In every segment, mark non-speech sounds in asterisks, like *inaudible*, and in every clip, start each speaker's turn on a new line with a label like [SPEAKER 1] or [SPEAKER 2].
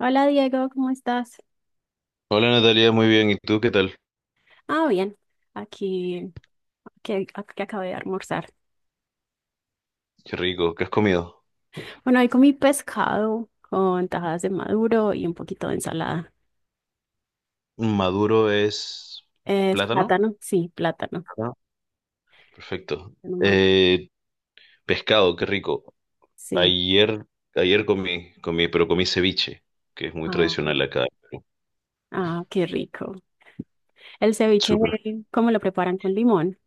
[SPEAKER 1] Hola Diego, ¿cómo estás?
[SPEAKER 2] Hola Natalia, muy bien. ¿Y tú qué tal?
[SPEAKER 1] Ah, bien, aquí que acabé de almorzar.
[SPEAKER 2] Qué rico. ¿Qué has comido?
[SPEAKER 1] Bueno, hoy comí pescado con tajadas de maduro y un poquito de ensalada.
[SPEAKER 2] Maduro es
[SPEAKER 1] ¿Es
[SPEAKER 2] plátano.
[SPEAKER 1] plátano? Sí, plátano.
[SPEAKER 2] Ah. Perfecto.
[SPEAKER 1] Nomás,
[SPEAKER 2] Eh, pescado, qué rico.
[SPEAKER 1] sí.
[SPEAKER 2] Ayer, ayer comí, pero comí ceviche, que es muy
[SPEAKER 1] Ah,
[SPEAKER 2] tradicional acá.
[SPEAKER 1] ah, qué rico. El ceviche,
[SPEAKER 2] Súper.
[SPEAKER 1] ¿cómo lo preparan con limón?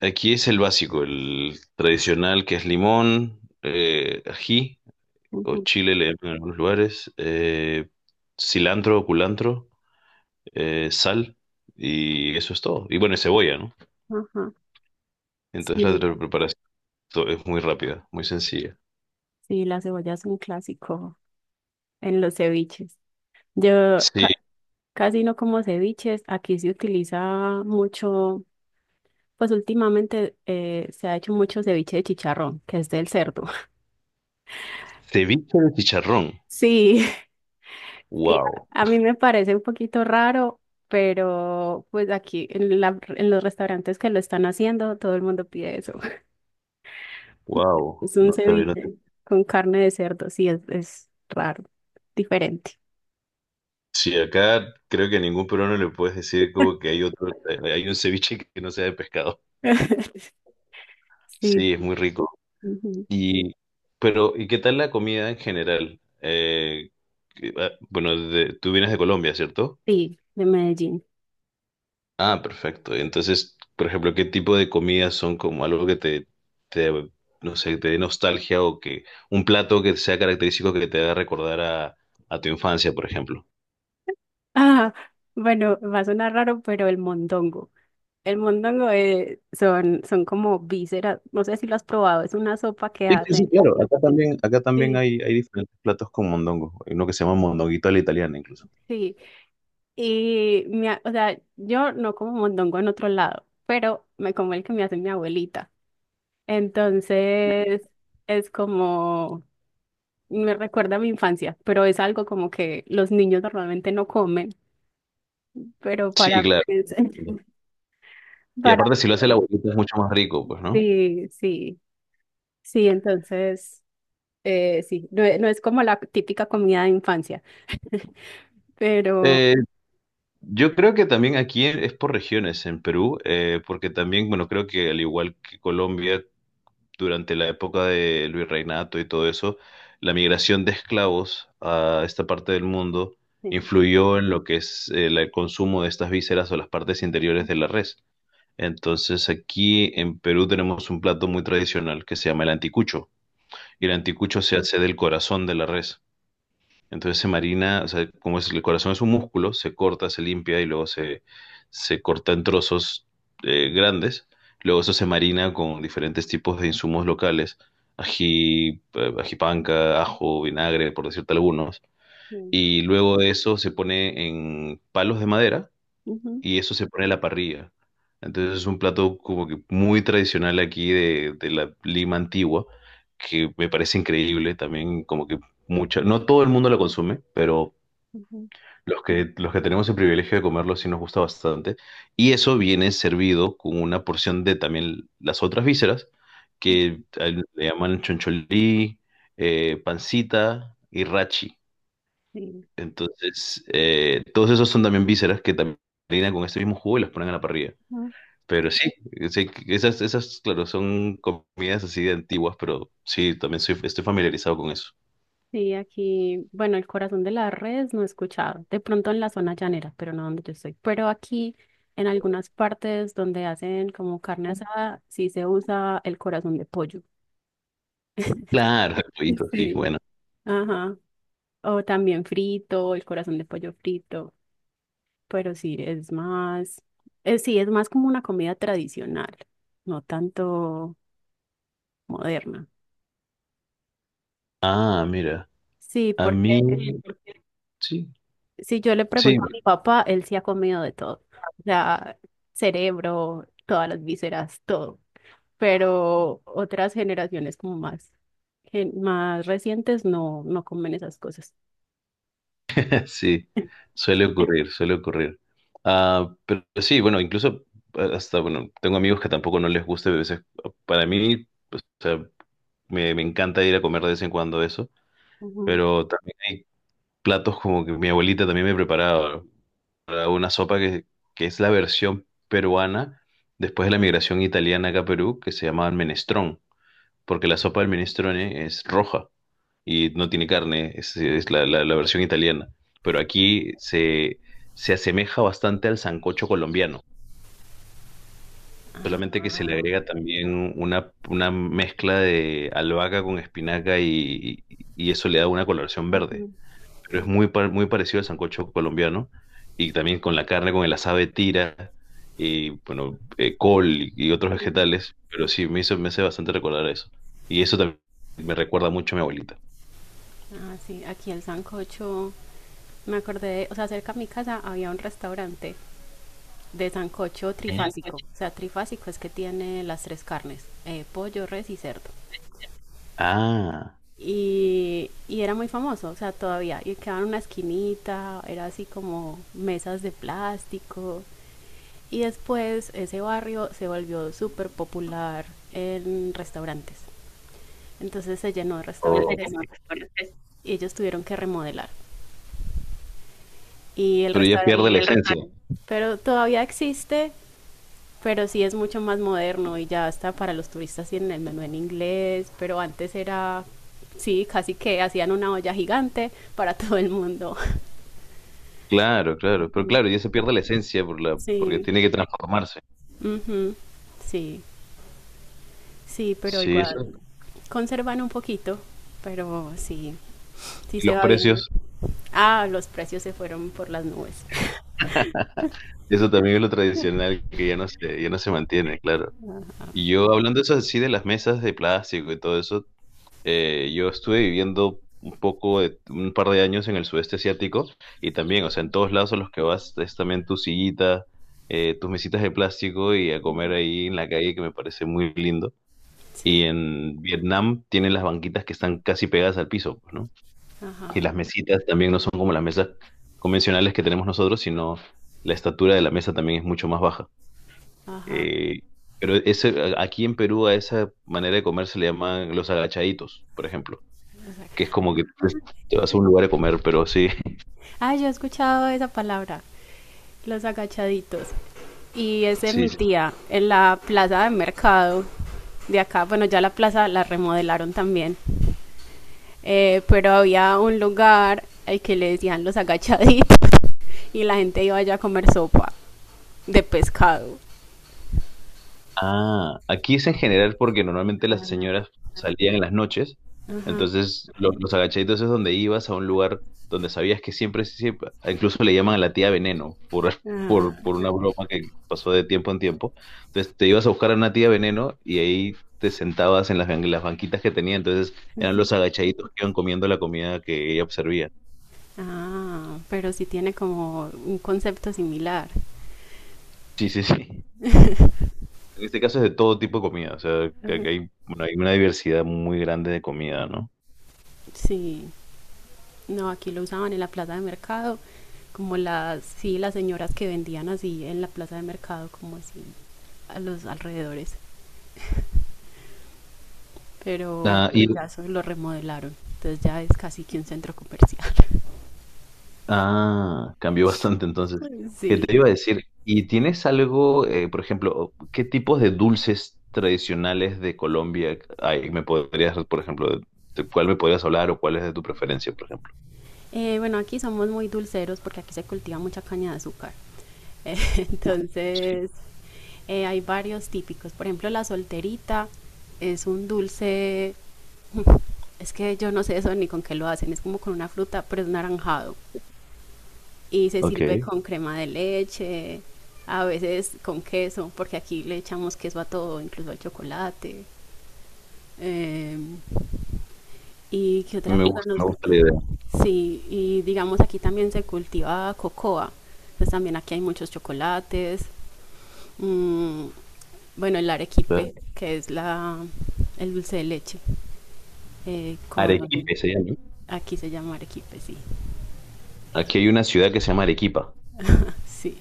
[SPEAKER 2] Aquí es el básico, el tradicional, que es limón, ají o
[SPEAKER 1] Ujú,
[SPEAKER 2] chile le llaman en algunos lugares, cilantro o culantro, sal y eso es todo. Y bueno, y cebolla, ¿no?
[SPEAKER 1] ajá.
[SPEAKER 2] Entonces
[SPEAKER 1] Sí,
[SPEAKER 2] la preparación. Es muy rápida, muy sencilla.
[SPEAKER 1] sí, la cebolla es un clásico en los ceviches. Yo
[SPEAKER 2] Sí,
[SPEAKER 1] ca- Casi no como ceviches. Aquí se utiliza mucho. Pues últimamente se ha hecho mucho ceviche de chicharrón, que es del cerdo. *laughs*
[SPEAKER 2] ceviche de chicharrón.
[SPEAKER 1] Sí, sí,
[SPEAKER 2] Wow,
[SPEAKER 1] a mí me parece un poquito raro, pero pues en los restaurantes que lo están haciendo, todo el mundo pide eso. *laughs*
[SPEAKER 2] wow.
[SPEAKER 1] Es un
[SPEAKER 2] No sabía. No te-
[SPEAKER 1] ceviche con carne de cerdo, sí, es raro, diferente.
[SPEAKER 2] Sí, acá creo que a ningún peruano le puedes decir como que hay otro, hay un ceviche que no sea de pescado.
[SPEAKER 1] *laughs* Sí,
[SPEAKER 2] Sí, es
[SPEAKER 1] sí.
[SPEAKER 2] muy rico.
[SPEAKER 1] Ujú.
[SPEAKER 2] Y, pero, ¿y qué tal la comida en general? Bueno, tú vienes de Colombia, ¿cierto?
[SPEAKER 1] Sí, de Medellín.
[SPEAKER 2] Ah, perfecto. Entonces, por ejemplo, ¿qué tipo de comidas son como algo que te, no sé, te dé nostalgia o que un plato que sea característico que te haga recordar a tu infancia, por ejemplo?
[SPEAKER 1] Ah, bueno, va a sonar raro, pero el mondongo. El mondongo son como vísceras, no sé si lo has probado, es una sopa que
[SPEAKER 2] Sí, sí, sí,
[SPEAKER 1] hacen.
[SPEAKER 2] claro. Acá también
[SPEAKER 1] Sí.
[SPEAKER 2] hay diferentes platos con mondongo. Hay uno que se llama mondonguito a la italiana incluso.
[SPEAKER 1] Sí, y o sea, yo no como mondongo en otro lado, pero me como el que me hace mi abuelita. Entonces, es como, me recuerda a mi infancia, pero es algo como que los niños normalmente no comen, pero para
[SPEAKER 2] Sí, claro.
[SPEAKER 1] mí *laughs*
[SPEAKER 2] Y
[SPEAKER 1] para,
[SPEAKER 2] aparte, si lo hace la abuelita es mucho más rico, pues, ¿no?
[SPEAKER 1] sí, sí, sí, entonces, sí, no, no es como la típica comida de infancia. Pero
[SPEAKER 2] Eh, yo creo que también aquí es por regiones en Perú, porque también, bueno, creo que al igual que Colombia, durante la época de Virreinato y todo eso, la migración de esclavos a esta parte del mundo
[SPEAKER 1] sí,
[SPEAKER 2] influyó en lo que es el consumo de estas vísceras o las partes interiores de la res. Entonces aquí en Perú tenemos un plato muy tradicional que se llama el anticucho. Y el
[SPEAKER 1] ujú,
[SPEAKER 2] anticucho se hace del corazón de la res. Entonces se marina, o sea, como es, el corazón es un músculo, se corta, se limpia y luego se corta en trozos grandes. Luego eso se marina con diferentes tipos de insumos locales, ají, ají panca, ajo, vinagre, por decirte algunos.
[SPEAKER 1] sí,
[SPEAKER 2] Y luego de eso se pone en palos de madera
[SPEAKER 1] ujú,
[SPEAKER 2] y eso se pone a la parrilla. Entonces es un plato como que muy tradicional aquí de la Lima antigua, que me parece increíble también, como que mucha, no todo el mundo lo consume, pero
[SPEAKER 1] ujú,
[SPEAKER 2] los que tenemos el privilegio de comerlo sí nos gusta bastante. Y eso viene servido con una porción de también las otras vísceras,
[SPEAKER 1] ujú,
[SPEAKER 2] que le llaman choncholí, pancita y rachi.
[SPEAKER 1] sí,
[SPEAKER 2] Entonces, todos esos son también vísceras que también rellenan con este mismo jugo y las ponen a la parrilla.
[SPEAKER 1] ujú.
[SPEAKER 2] Pero sí, sí, esas, claro, son comidas así de antiguas, pero sí, también estoy familiarizado con eso.
[SPEAKER 1] Sí, aquí, bueno, el corazón de las redes no he escuchado, de pronto en la zona llanera, pero no donde yo estoy, pero aquí en algunas partes donde hacen como carne asada, sí se usa el corazón de pollo. *laughs*
[SPEAKER 2] Claro, el pollito, sí,
[SPEAKER 1] Sí.
[SPEAKER 2] bueno.
[SPEAKER 1] Ajá, o también frito, el corazón de pollo frito, pero sí, es más como una comida tradicional, no tanto moderna.
[SPEAKER 2] Ah, mira,
[SPEAKER 1] Sí,
[SPEAKER 2] a
[SPEAKER 1] porque
[SPEAKER 2] mí, sí,
[SPEAKER 1] si yo le
[SPEAKER 2] sí,
[SPEAKER 1] pregunto a mi papá, él sí ha comido de todo. O sea, cerebro, todas las vísceras, todo. Pero otras generaciones como más, más recientes no, no comen esas cosas.
[SPEAKER 2] *laughs* sí, suele ocurrir, suele ocurrir. Ah, pero sí, bueno, incluso bueno, tengo amigos que tampoco no les gusta, a veces, ah, para mí, o sea, me encanta ir a comer de vez en cuando eso,
[SPEAKER 1] Ujú.
[SPEAKER 2] pero también hay platos como que mi abuelita también me preparaba. Una sopa que es la versión peruana después de la migración italiana acá a Perú, que se llamaba menestrón, porque la sopa del minestrone es roja y no tiene carne, es la versión italiana. Pero aquí se asemeja bastante al sancocho colombiano, solamente que se le
[SPEAKER 1] Ah,
[SPEAKER 2] agrega también una mezcla de albahaca con espinaca y eso le da una coloración verde
[SPEAKER 1] ujú,
[SPEAKER 2] pero es muy parecido al sancocho colombiano y también con la carne, con el asado de tira y bueno, col y otros
[SPEAKER 1] sí.
[SPEAKER 2] vegetales, pero sí, me hace bastante recordar eso. Y eso también me recuerda mucho a mi abuelita.
[SPEAKER 1] Ah, sí, aquí el sancocho, me acordé de, o sea, cerca de mi casa había un restaurante de sancocho
[SPEAKER 2] El
[SPEAKER 1] trifásico. O sea, trifásico es que tiene las tres carnes, pollo, res y cerdo.
[SPEAKER 2] ah,
[SPEAKER 1] Y era muy famoso, o sea, todavía. Y quedaba en una esquinita, era así como mesas de plástico. Y después ese barrio se volvió súper popular en restaurantes. Entonces se llenó de restaurantes
[SPEAKER 2] oh,
[SPEAKER 1] y ellos tuvieron que remodelar. Y el
[SPEAKER 2] pero ya
[SPEAKER 1] restaurante,
[SPEAKER 2] pierde la esencia. Restaurante.
[SPEAKER 1] pero todavía existe, pero sí es mucho más moderno y ya está para los turistas, tienen el menú en inglés, pero antes era, sí, casi que hacían una olla gigante para *laughs* todo el mundo.
[SPEAKER 2] Claro, claro, pero claro,
[SPEAKER 1] *laughs*
[SPEAKER 2] ya se pierde la esencia por porque
[SPEAKER 1] Sí.
[SPEAKER 2] tiene que transformarse.
[SPEAKER 1] Ujú, sí, sí, pero
[SPEAKER 2] Sí,
[SPEAKER 1] igual
[SPEAKER 2] eso.
[SPEAKER 1] conservan un poquito, pero sí, sí
[SPEAKER 2] Y
[SPEAKER 1] se
[SPEAKER 2] los
[SPEAKER 1] va viendo.
[SPEAKER 2] precios,
[SPEAKER 1] Ah, los precios se fueron por las nubes.
[SPEAKER 2] eso también es lo tradicional que ya no se mantiene, claro. Y yo hablando eso así de las mesas de plástico y todo eso, yo estuve viviendo un poco de un par de años en el sudeste asiático y también, o sea, en todos lados a los que vas es también tu sillita, tus mesitas de plástico y a comer
[SPEAKER 1] *laughs*
[SPEAKER 2] ahí en la calle que me parece muy lindo.
[SPEAKER 1] Sí,
[SPEAKER 2] Y en Vietnam tienen las banquitas que están casi pegadas al piso, pues, ¿no?
[SPEAKER 1] ajá,
[SPEAKER 2] Y las mesitas también no son como las mesas convencionales que tenemos nosotros, sino la estatura de la mesa también es mucho más baja.
[SPEAKER 1] ajá.
[SPEAKER 2] Eh, pero ese, aquí en Perú a esa manera de comer se le llaman los agachaditos, por ejemplo,
[SPEAKER 1] los
[SPEAKER 2] que es
[SPEAKER 1] aga-
[SPEAKER 2] como que pues, te vas a un lugar a comer, pero sí,
[SPEAKER 1] Ah, yo he escuchado esa palabra, los agachaditos. Y es
[SPEAKER 2] *laughs*
[SPEAKER 1] de mi
[SPEAKER 2] sí,
[SPEAKER 1] tía, en la plaza de mercado de acá. Bueno, ya la plaza la remodelaron también. Pero había un lugar al que le decían los agachaditos *laughs* y la gente iba allá a comer sopa de pescado.
[SPEAKER 2] ah, aquí es en general porque normalmente las señoras salían en las noches,
[SPEAKER 1] Ajá.
[SPEAKER 2] entonces los agachaditos es donde ibas a un lugar donde sabías que siempre, siempre, incluso le llaman a la tía Veneno *laughs*
[SPEAKER 1] Ah,
[SPEAKER 2] por una broma que pasó de tiempo en tiempo. Entonces te ibas a buscar a una tía Veneno y ahí te sentabas en las, las banquitas que tenía, entonces eran los agachaditos que iban comiendo la comida que ella servía.
[SPEAKER 1] ah, pero sí tiene como un concepto similar.
[SPEAKER 2] Sí, sí, sí. En este caso es de todo tipo de comida, o sea,
[SPEAKER 1] Ajá.
[SPEAKER 2] que hay, bueno, hay una diversidad muy grande de comida, ¿no?
[SPEAKER 1] Sí, no, aquí lo usaban en la plaza de mercado, como las, sí, las señoras que vendían así en la plaza de mercado, como así, a los alrededores.
[SPEAKER 2] Ah,
[SPEAKER 1] Pero
[SPEAKER 2] y
[SPEAKER 1] ya eso lo remodelaron, entonces ya es casi que un centro comercial. *laughs*
[SPEAKER 2] ah, cambió bastante entonces. ¿Qué te
[SPEAKER 1] Sí.
[SPEAKER 2] iba a decir? ¿Y tienes algo, por ejemplo, qué tipos de dulces tradicionales de Colombia hay? ¿Me podrías, por ejemplo, de cuál me podrías hablar o cuál es de tu preferencia, por ejemplo?
[SPEAKER 1] Bueno, aquí somos muy dulceros porque aquí se cultiva mucha caña de azúcar. *laughs*
[SPEAKER 2] Sí.
[SPEAKER 1] Entonces, hay varios típicos, por ejemplo, la solterita es un dulce, es que yo no sé eso ni con qué lo hacen, es como con una fruta, pero es naranjado y se sirve
[SPEAKER 2] Ok.
[SPEAKER 1] con crema de leche, a veces con queso, porque aquí le echamos queso a todo, incluso al chocolate. Eh, ¿Y qué otra cosa nos
[SPEAKER 2] Me gusta
[SPEAKER 1] gusta?
[SPEAKER 2] la idea.
[SPEAKER 1] Sí, y digamos aquí también se cultiva cocoa. Entonces también aquí hay muchos chocolates. Mm, bueno, el arequipe,
[SPEAKER 2] Claro.
[SPEAKER 1] que es la, el dulce de leche, eh, con,
[SPEAKER 2] Arequipe se llama, ¿no?
[SPEAKER 1] aquí se llama arequipe, sí,
[SPEAKER 2] Aquí hay una ciudad que se llama Arequipa.
[SPEAKER 1] sí,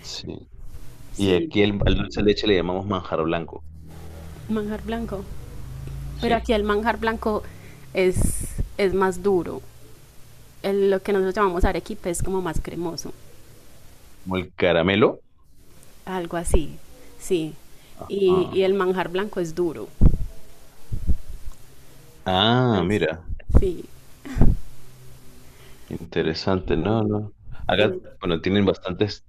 [SPEAKER 2] Sí. Y aquí
[SPEAKER 1] sí,
[SPEAKER 2] al dulce de leche le llamamos manjar blanco.
[SPEAKER 1] manjar blanco, pero
[SPEAKER 2] Sí.
[SPEAKER 1] aquí el manjar blanco es, es más duro, lo que nosotros llamamos arequipe es como más cremoso,
[SPEAKER 2] Como el caramelo.
[SPEAKER 1] algo así, sí,
[SPEAKER 2] Ah,
[SPEAKER 1] y el manjar blanco es duro.
[SPEAKER 2] ah,
[SPEAKER 1] Es-
[SPEAKER 2] mira.
[SPEAKER 1] sí,
[SPEAKER 2] Interesante. No, no. Acá,
[SPEAKER 1] y,
[SPEAKER 2] bueno, tienen bastantes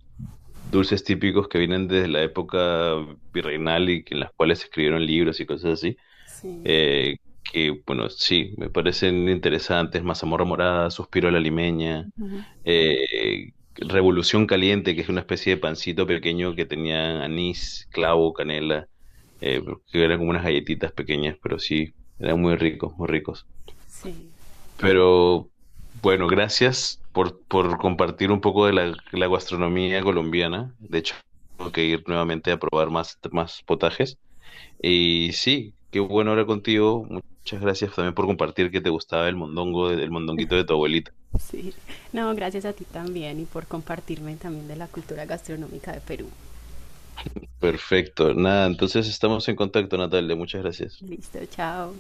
[SPEAKER 2] dulces típicos que vienen desde la época virreinal y en las cuales se escribieron libros y cosas así.
[SPEAKER 1] sí,
[SPEAKER 2] Eh, que, bueno, sí, me parecen interesantes. Mazamorra morada, suspiro a la limeña,
[SPEAKER 1] ujú,
[SPEAKER 2] Revolución caliente, que es una especie de pancito pequeño que tenía anís, clavo, canela, eh, que eran como unas galletitas pequeñas, pero sí, eran muy ricos, muy ricos.
[SPEAKER 1] sí.
[SPEAKER 2] Pero bueno, gracias por compartir un poco de la gastronomía colombiana. De hecho, tengo que ir nuevamente a probar más potajes. Y sí, qué bueno hablar contigo. Muchas gracias también por compartir que te gustaba el mondongo, el mondonguito de tu abuelita.
[SPEAKER 1] *laughs* Sí, no, gracias a ti también y por compartirme también de la cultura gastronómica de Perú.
[SPEAKER 2] Perfecto. Nada, entonces estamos en contacto, Natalia. Muchas gracias.
[SPEAKER 1] Listo, chao.